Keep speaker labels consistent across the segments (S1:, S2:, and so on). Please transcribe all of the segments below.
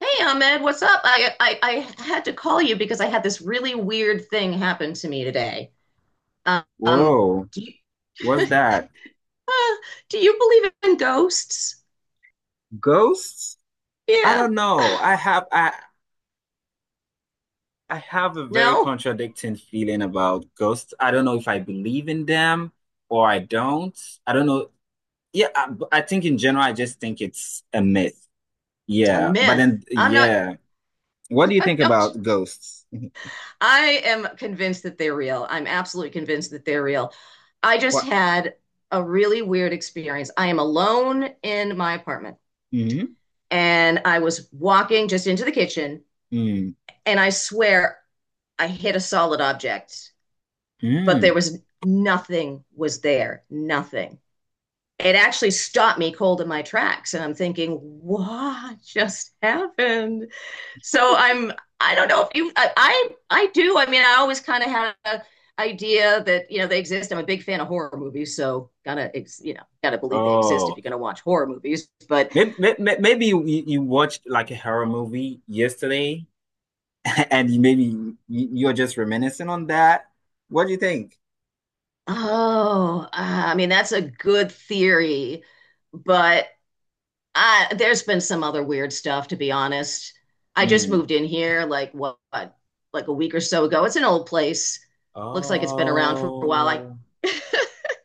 S1: Hey, Ahmed, what's up? I had to call you because I had this really weird thing happen to me today. Um,
S2: Whoa,
S1: do you,
S2: what's that?
S1: Uh, do you believe in ghosts?
S2: Ghosts? I
S1: Yeah.
S2: don't know. I have I I have a very
S1: No,
S2: contradicting feeling about ghosts. I don't know if I believe in them or I don't. I don't know. Yeah, but I think in general I just think it's a myth.
S1: a
S2: Yeah, but
S1: myth.
S2: then
S1: I'm not,
S2: yeah. What do you
S1: I'm
S2: think
S1: not.
S2: about ghosts?
S1: I am convinced that they're real. I'm absolutely convinced that they're real. I just
S2: What?
S1: had a really weird experience. I am alone in my apartment,
S2: Mm,
S1: and I was walking just into the kitchen,
S2: mm,
S1: and I swear I hit a solid object. But there
S2: mm.
S1: was nothing was there, nothing. It actually stopped me cold in my tracks and I'm thinking, what just happened? So I'm I don't know if you. I do. I mean, I always kind of had an idea that they exist. I'm a big fan of horror movies, so gotta you know gotta believe they exist if
S2: Oh,
S1: you're gonna watch horror movies. But
S2: maybe you watched like a horror movie yesterday and you are just reminiscing on that. What do you think?
S1: oh, I mean that's a good theory, but there's been some other weird stuff, to be honest. I just
S2: Mm.
S1: moved in here like what, like a week or so ago. It's an old place. Looks like it's been around for a while.
S2: Oh,
S1: I'm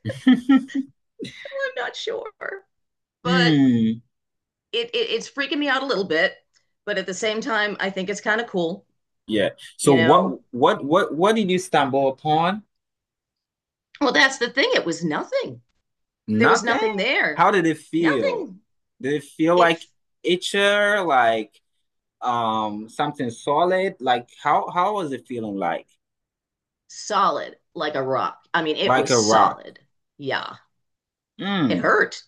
S1: not sure, but
S2: Mm.
S1: it's freaking me out a little bit. But at the same time, I think it's kind of cool,
S2: Yeah.
S1: you
S2: So
S1: know?
S2: what did you stumble upon?
S1: Well, that's the thing. It was nothing. There was nothing
S2: Nothing?
S1: there.
S2: How did it feel?
S1: Nothing.
S2: Did it feel like
S1: It's
S2: itcher, like something solid? Like how was it feeling like?
S1: solid like a rock. I mean, it
S2: Like
S1: was
S2: a rock.
S1: solid. Yeah. It
S2: Mm.
S1: hurt.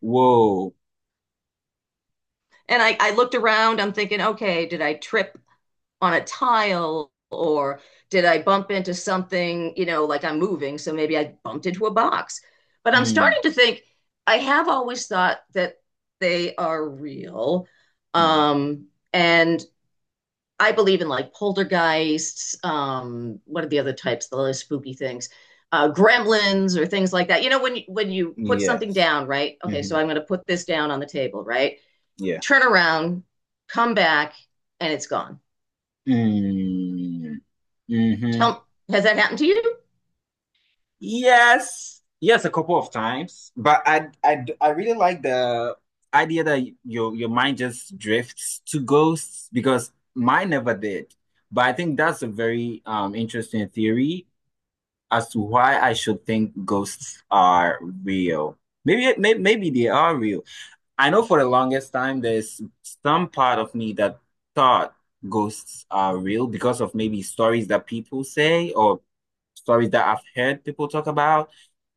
S2: Whoa.
S1: And I looked around, I'm thinking, okay, did I trip on a tile or did I bump into something, you know, like I'm moving? So maybe I bumped into a box. But I'm starting
S2: Mm.
S1: to think, I have always thought that they are real.
S2: Mm.
S1: Um, and I believe in like poltergeists. What are the other types? The spooky things, gremlins or things like that. You know, when you put something
S2: Yes.
S1: down, right? Okay, so
S2: Hmm.
S1: I'm going to put this down on the table, right?
S2: Yeah.
S1: Turn around, come back, and it's gone.
S2: Mm. Mm-hmm.
S1: Tell, has that happened to you?
S2: Yes. Yes, a couple of times. But I really like the idea that your mind just drifts to ghosts because mine never did. But I think that's a very interesting theory as to why I should think ghosts are real. Maybe they are real. I know for the longest time there's some part of me that thought ghosts are real because of maybe stories that people say or stories that I've heard people talk about.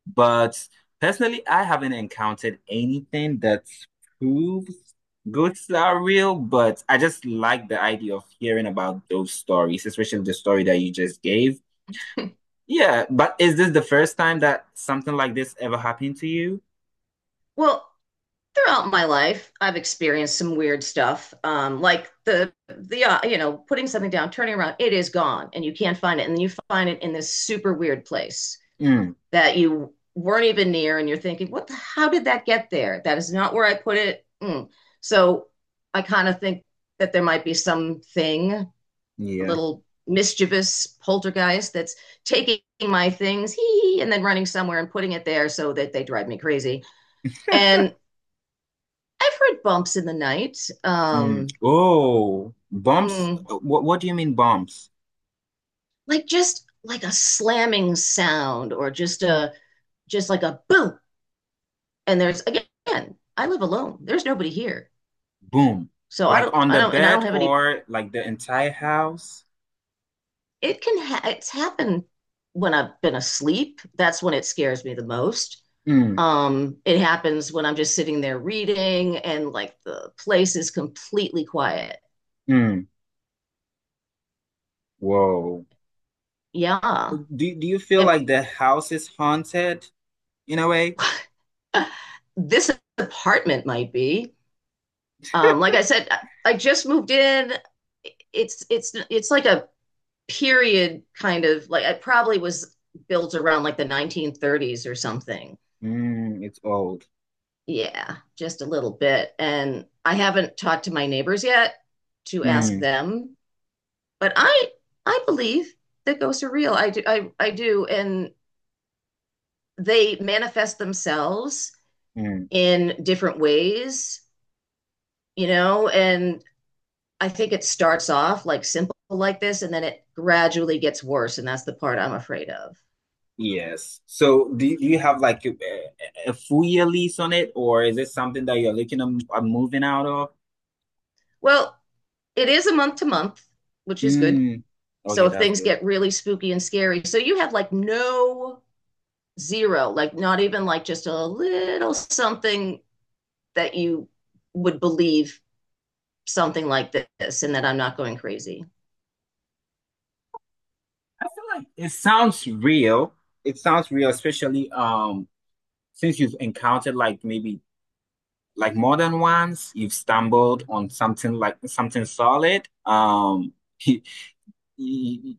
S2: But personally, I haven't encountered anything that proves ghosts are real. But I just like the idea of hearing about those stories, especially the story that you just gave. Yeah, but is this the first time that something like this ever happened to you?
S1: Well, throughout my life, I've experienced some weird stuff, like the you know putting something down, turning around, it is gone, and you can't find it, and then you find it in this super weird place
S2: Mm,
S1: that you weren't even near and you're thinking how did that get there? That is not where I put it. Mm. So I kind of think that there might be something, a
S2: yeah.
S1: little mischievous poltergeist that's taking my things, hee, and then running somewhere and putting it there so that they drive me crazy. And I've heard bumps in the night.
S2: Mm.
S1: um
S2: Oh, bumps.
S1: mm,
S2: What do you mean bumps?
S1: like just like a slamming sound or just like a boom. And there's again, I live alone, there's nobody here.
S2: Boom.
S1: So
S2: Like on
S1: I
S2: the
S1: don't, and I
S2: bed
S1: don't have any,
S2: or like the entire house?
S1: it's happened when I've been asleep. That's when it scares me the most.
S2: Mm.
S1: It happens when I'm just sitting there reading and like the place is completely quiet.
S2: Mm. Whoa.
S1: Yeah.
S2: Do you feel
S1: And
S2: like the house is haunted in a way?
S1: this apartment might be, like I said, I just moved in. It's like a period kind of, like I probably was built around like the 1930s or something.
S2: Mm, it's old.
S1: Yeah, just a little bit. And I haven't talked to my neighbors yet to ask
S2: Mm.
S1: them, but I believe that ghosts are real. I do. I do, and they manifest themselves
S2: Mm.
S1: in different ways, you know, and I think it starts off like simple like this and then it gradually gets worse and that's the part I'm afraid of.
S2: Yes. So do you have like a full year lease on it or is it something that you're looking at moving out of?
S1: Well, it is a month to month, which is good.
S2: Mm.
S1: So
S2: Okay,
S1: if
S2: that's
S1: things
S2: good.
S1: get really spooky and scary, so you have like no, zero, like not even like just a little something that you would believe something like this and that I'm not going crazy.
S2: I feel like it sounds real. It sounds real, especially since you've encountered like maybe like more than once, you've stumbled on something like something solid. You, you,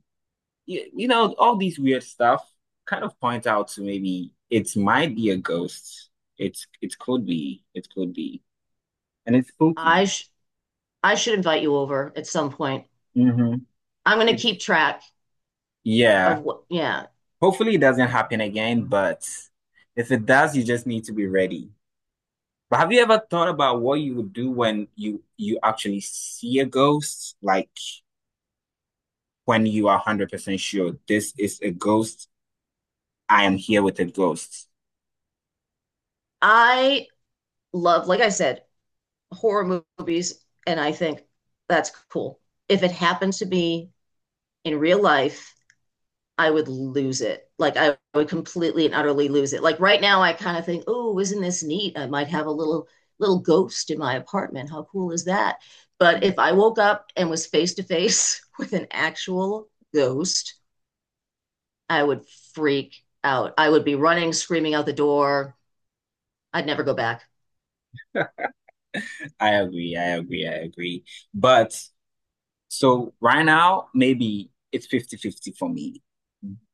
S2: you know, all these weird stuff kind of point out to maybe it might be a ghost. It could be, it could be, and it's spooky.
S1: I sh- I should invite you over at some point.
S2: Hmm.
S1: I'm going to
S2: It's
S1: keep track
S2: Yeah.
S1: of what. Yeah.
S2: Hopefully, it doesn't happen again, but if it does, you just need to be ready. But have you ever thought about what you would do when you actually see a ghost? Like when you are 100% sure this is a ghost, I am here with a ghost.
S1: I love, like I said, horror movies, and I think that's cool. If it happens to be in real life, I would lose it. Like I would completely and utterly lose it. Like right now, I kind of think, oh, isn't this neat? I might have a little little ghost in my apartment. How cool is that? But
S2: Mm,
S1: if I woke up and was face to face with an actual ghost, I would freak out. I would be running, screaming out the door. I'd never go back.
S2: I agree, I agree, I agree. But so right now, maybe it's fifty-fifty for me.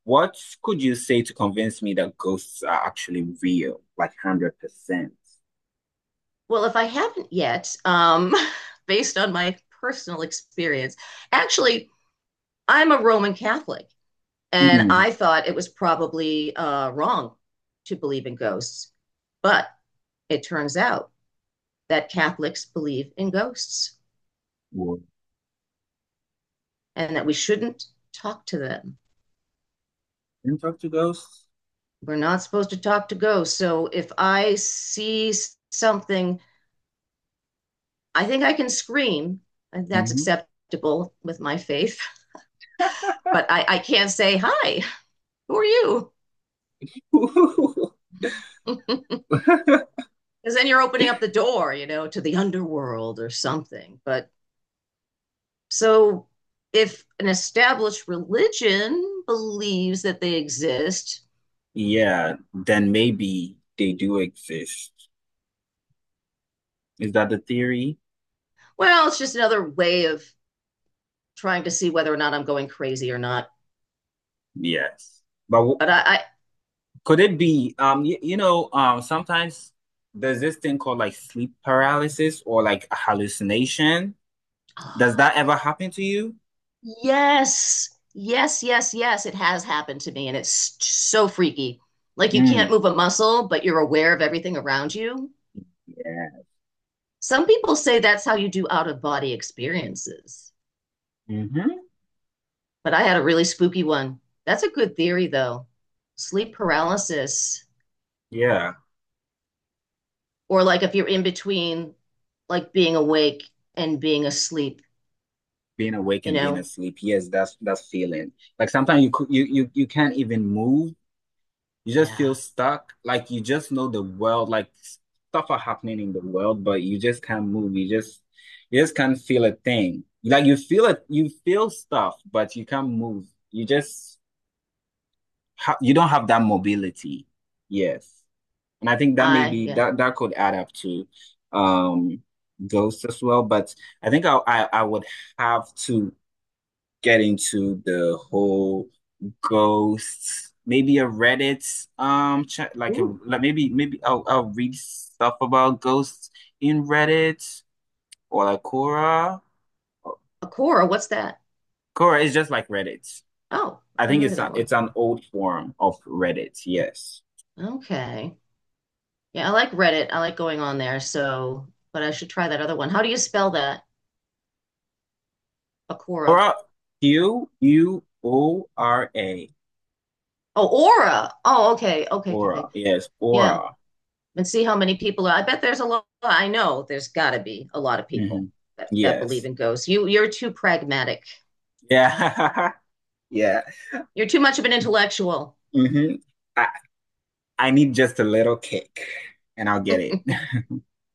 S2: What could you say to convince me that ghosts are actually real, like 100%?
S1: Well, if I haven't yet, based on my personal experience, actually, I'm a Roman Catholic. And
S2: Mm.
S1: I thought it was probably wrong to believe in ghosts. But it turns out that Catholics believe in ghosts
S2: Well,
S1: and that we shouldn't talk to them.
S2: can you talk to ghosts?
S1: We're not supposed to talk to ghosts. So if I see something, I think I can scream, and that's
S2: Mhm.
S1: acceptable with my faith, but I can't say, Hi, who are you? Because then you're opening up the door, you know, to the underworld or something. But so if an established religion believes that they exist,
S2: Yeah, then maybe they do exist. Is that the theory?
S1: well, it's just another way of trying to see whether or not I'm going crazy or not.
S2: Yes. But w
S1: But I
S2: could it be, sometimes there's this thing called like sleep paralysis or like a hallucination. Does
S1: oh,
S2: that ever happen to you?
S1: yes, yes, yes, yes, it has happened to me, and it's so freaky. Like you
S2: Mm,
S1: can't move a muscle, but you're aware of everything around you.
S2: yeah.
S1: Some people say that's how you do out of body experiences,
S2: Mm-hmm.
S1: but I had a really spooky one. That's a good theory, though. Sleep paralysis.
S2: Yeah.
S1: Or like if you're in between like being awake and being asleep,
S2: Being awake
S1: you
S2: and being
S1: know?
S2: asleep. Yes, that's feeling. Like sometimes you can't even move. You just feel
S1: Yeah.
S2: stuck. Like you just know the world, like stuff are happening in the world, but you just can't move. You just can't feel a thing. Like you feel it, you feel stuff, but you can't move. You just ha you don't have that mobility. Yes. And I think that
S1: I,
S2: maybe
S1: yeah.
S2: that could add up to um ghosts as well. But I think I would have to get into the whole ghosts, maybe a Reddit chat, like a
S1: Ooh,
S2: like maybe I'll read stuff about ghosts in Reddit or like Quora.
S1: Akora, what's that?
S2: Quora is just like Reddit.
S1: Oh,
S2: I
S1: I
S2: think
S1: heard
S2: it's
S1: of
S2: a,
S1: that one.
S2: it's an old form of Reddit. Yes,
S1: Okay. Yeah, I like Reddit. I like going on there. So, but I should try that other one. How do you spell that?
S2: Quora,
S1: Akora.
S2: Q U O R A,
S1: Oh, Aura. Oh, okay. Okay. Okay. Okay.
S2: Quora. Yes,
S1: Yeah.
S2: Quora.
S1: And see how many people are. I bet there's a lot. I know there's got to be a lot of people
S2: Hmm.
S1: that, that believe
S2: Yes.
S1: in ghosts. You, you're too pragmatic.
S2: Yeah. Yeah.
S1: You're too much of an intellectual.
S2: Hmm. I need just a little kick and I'll get it.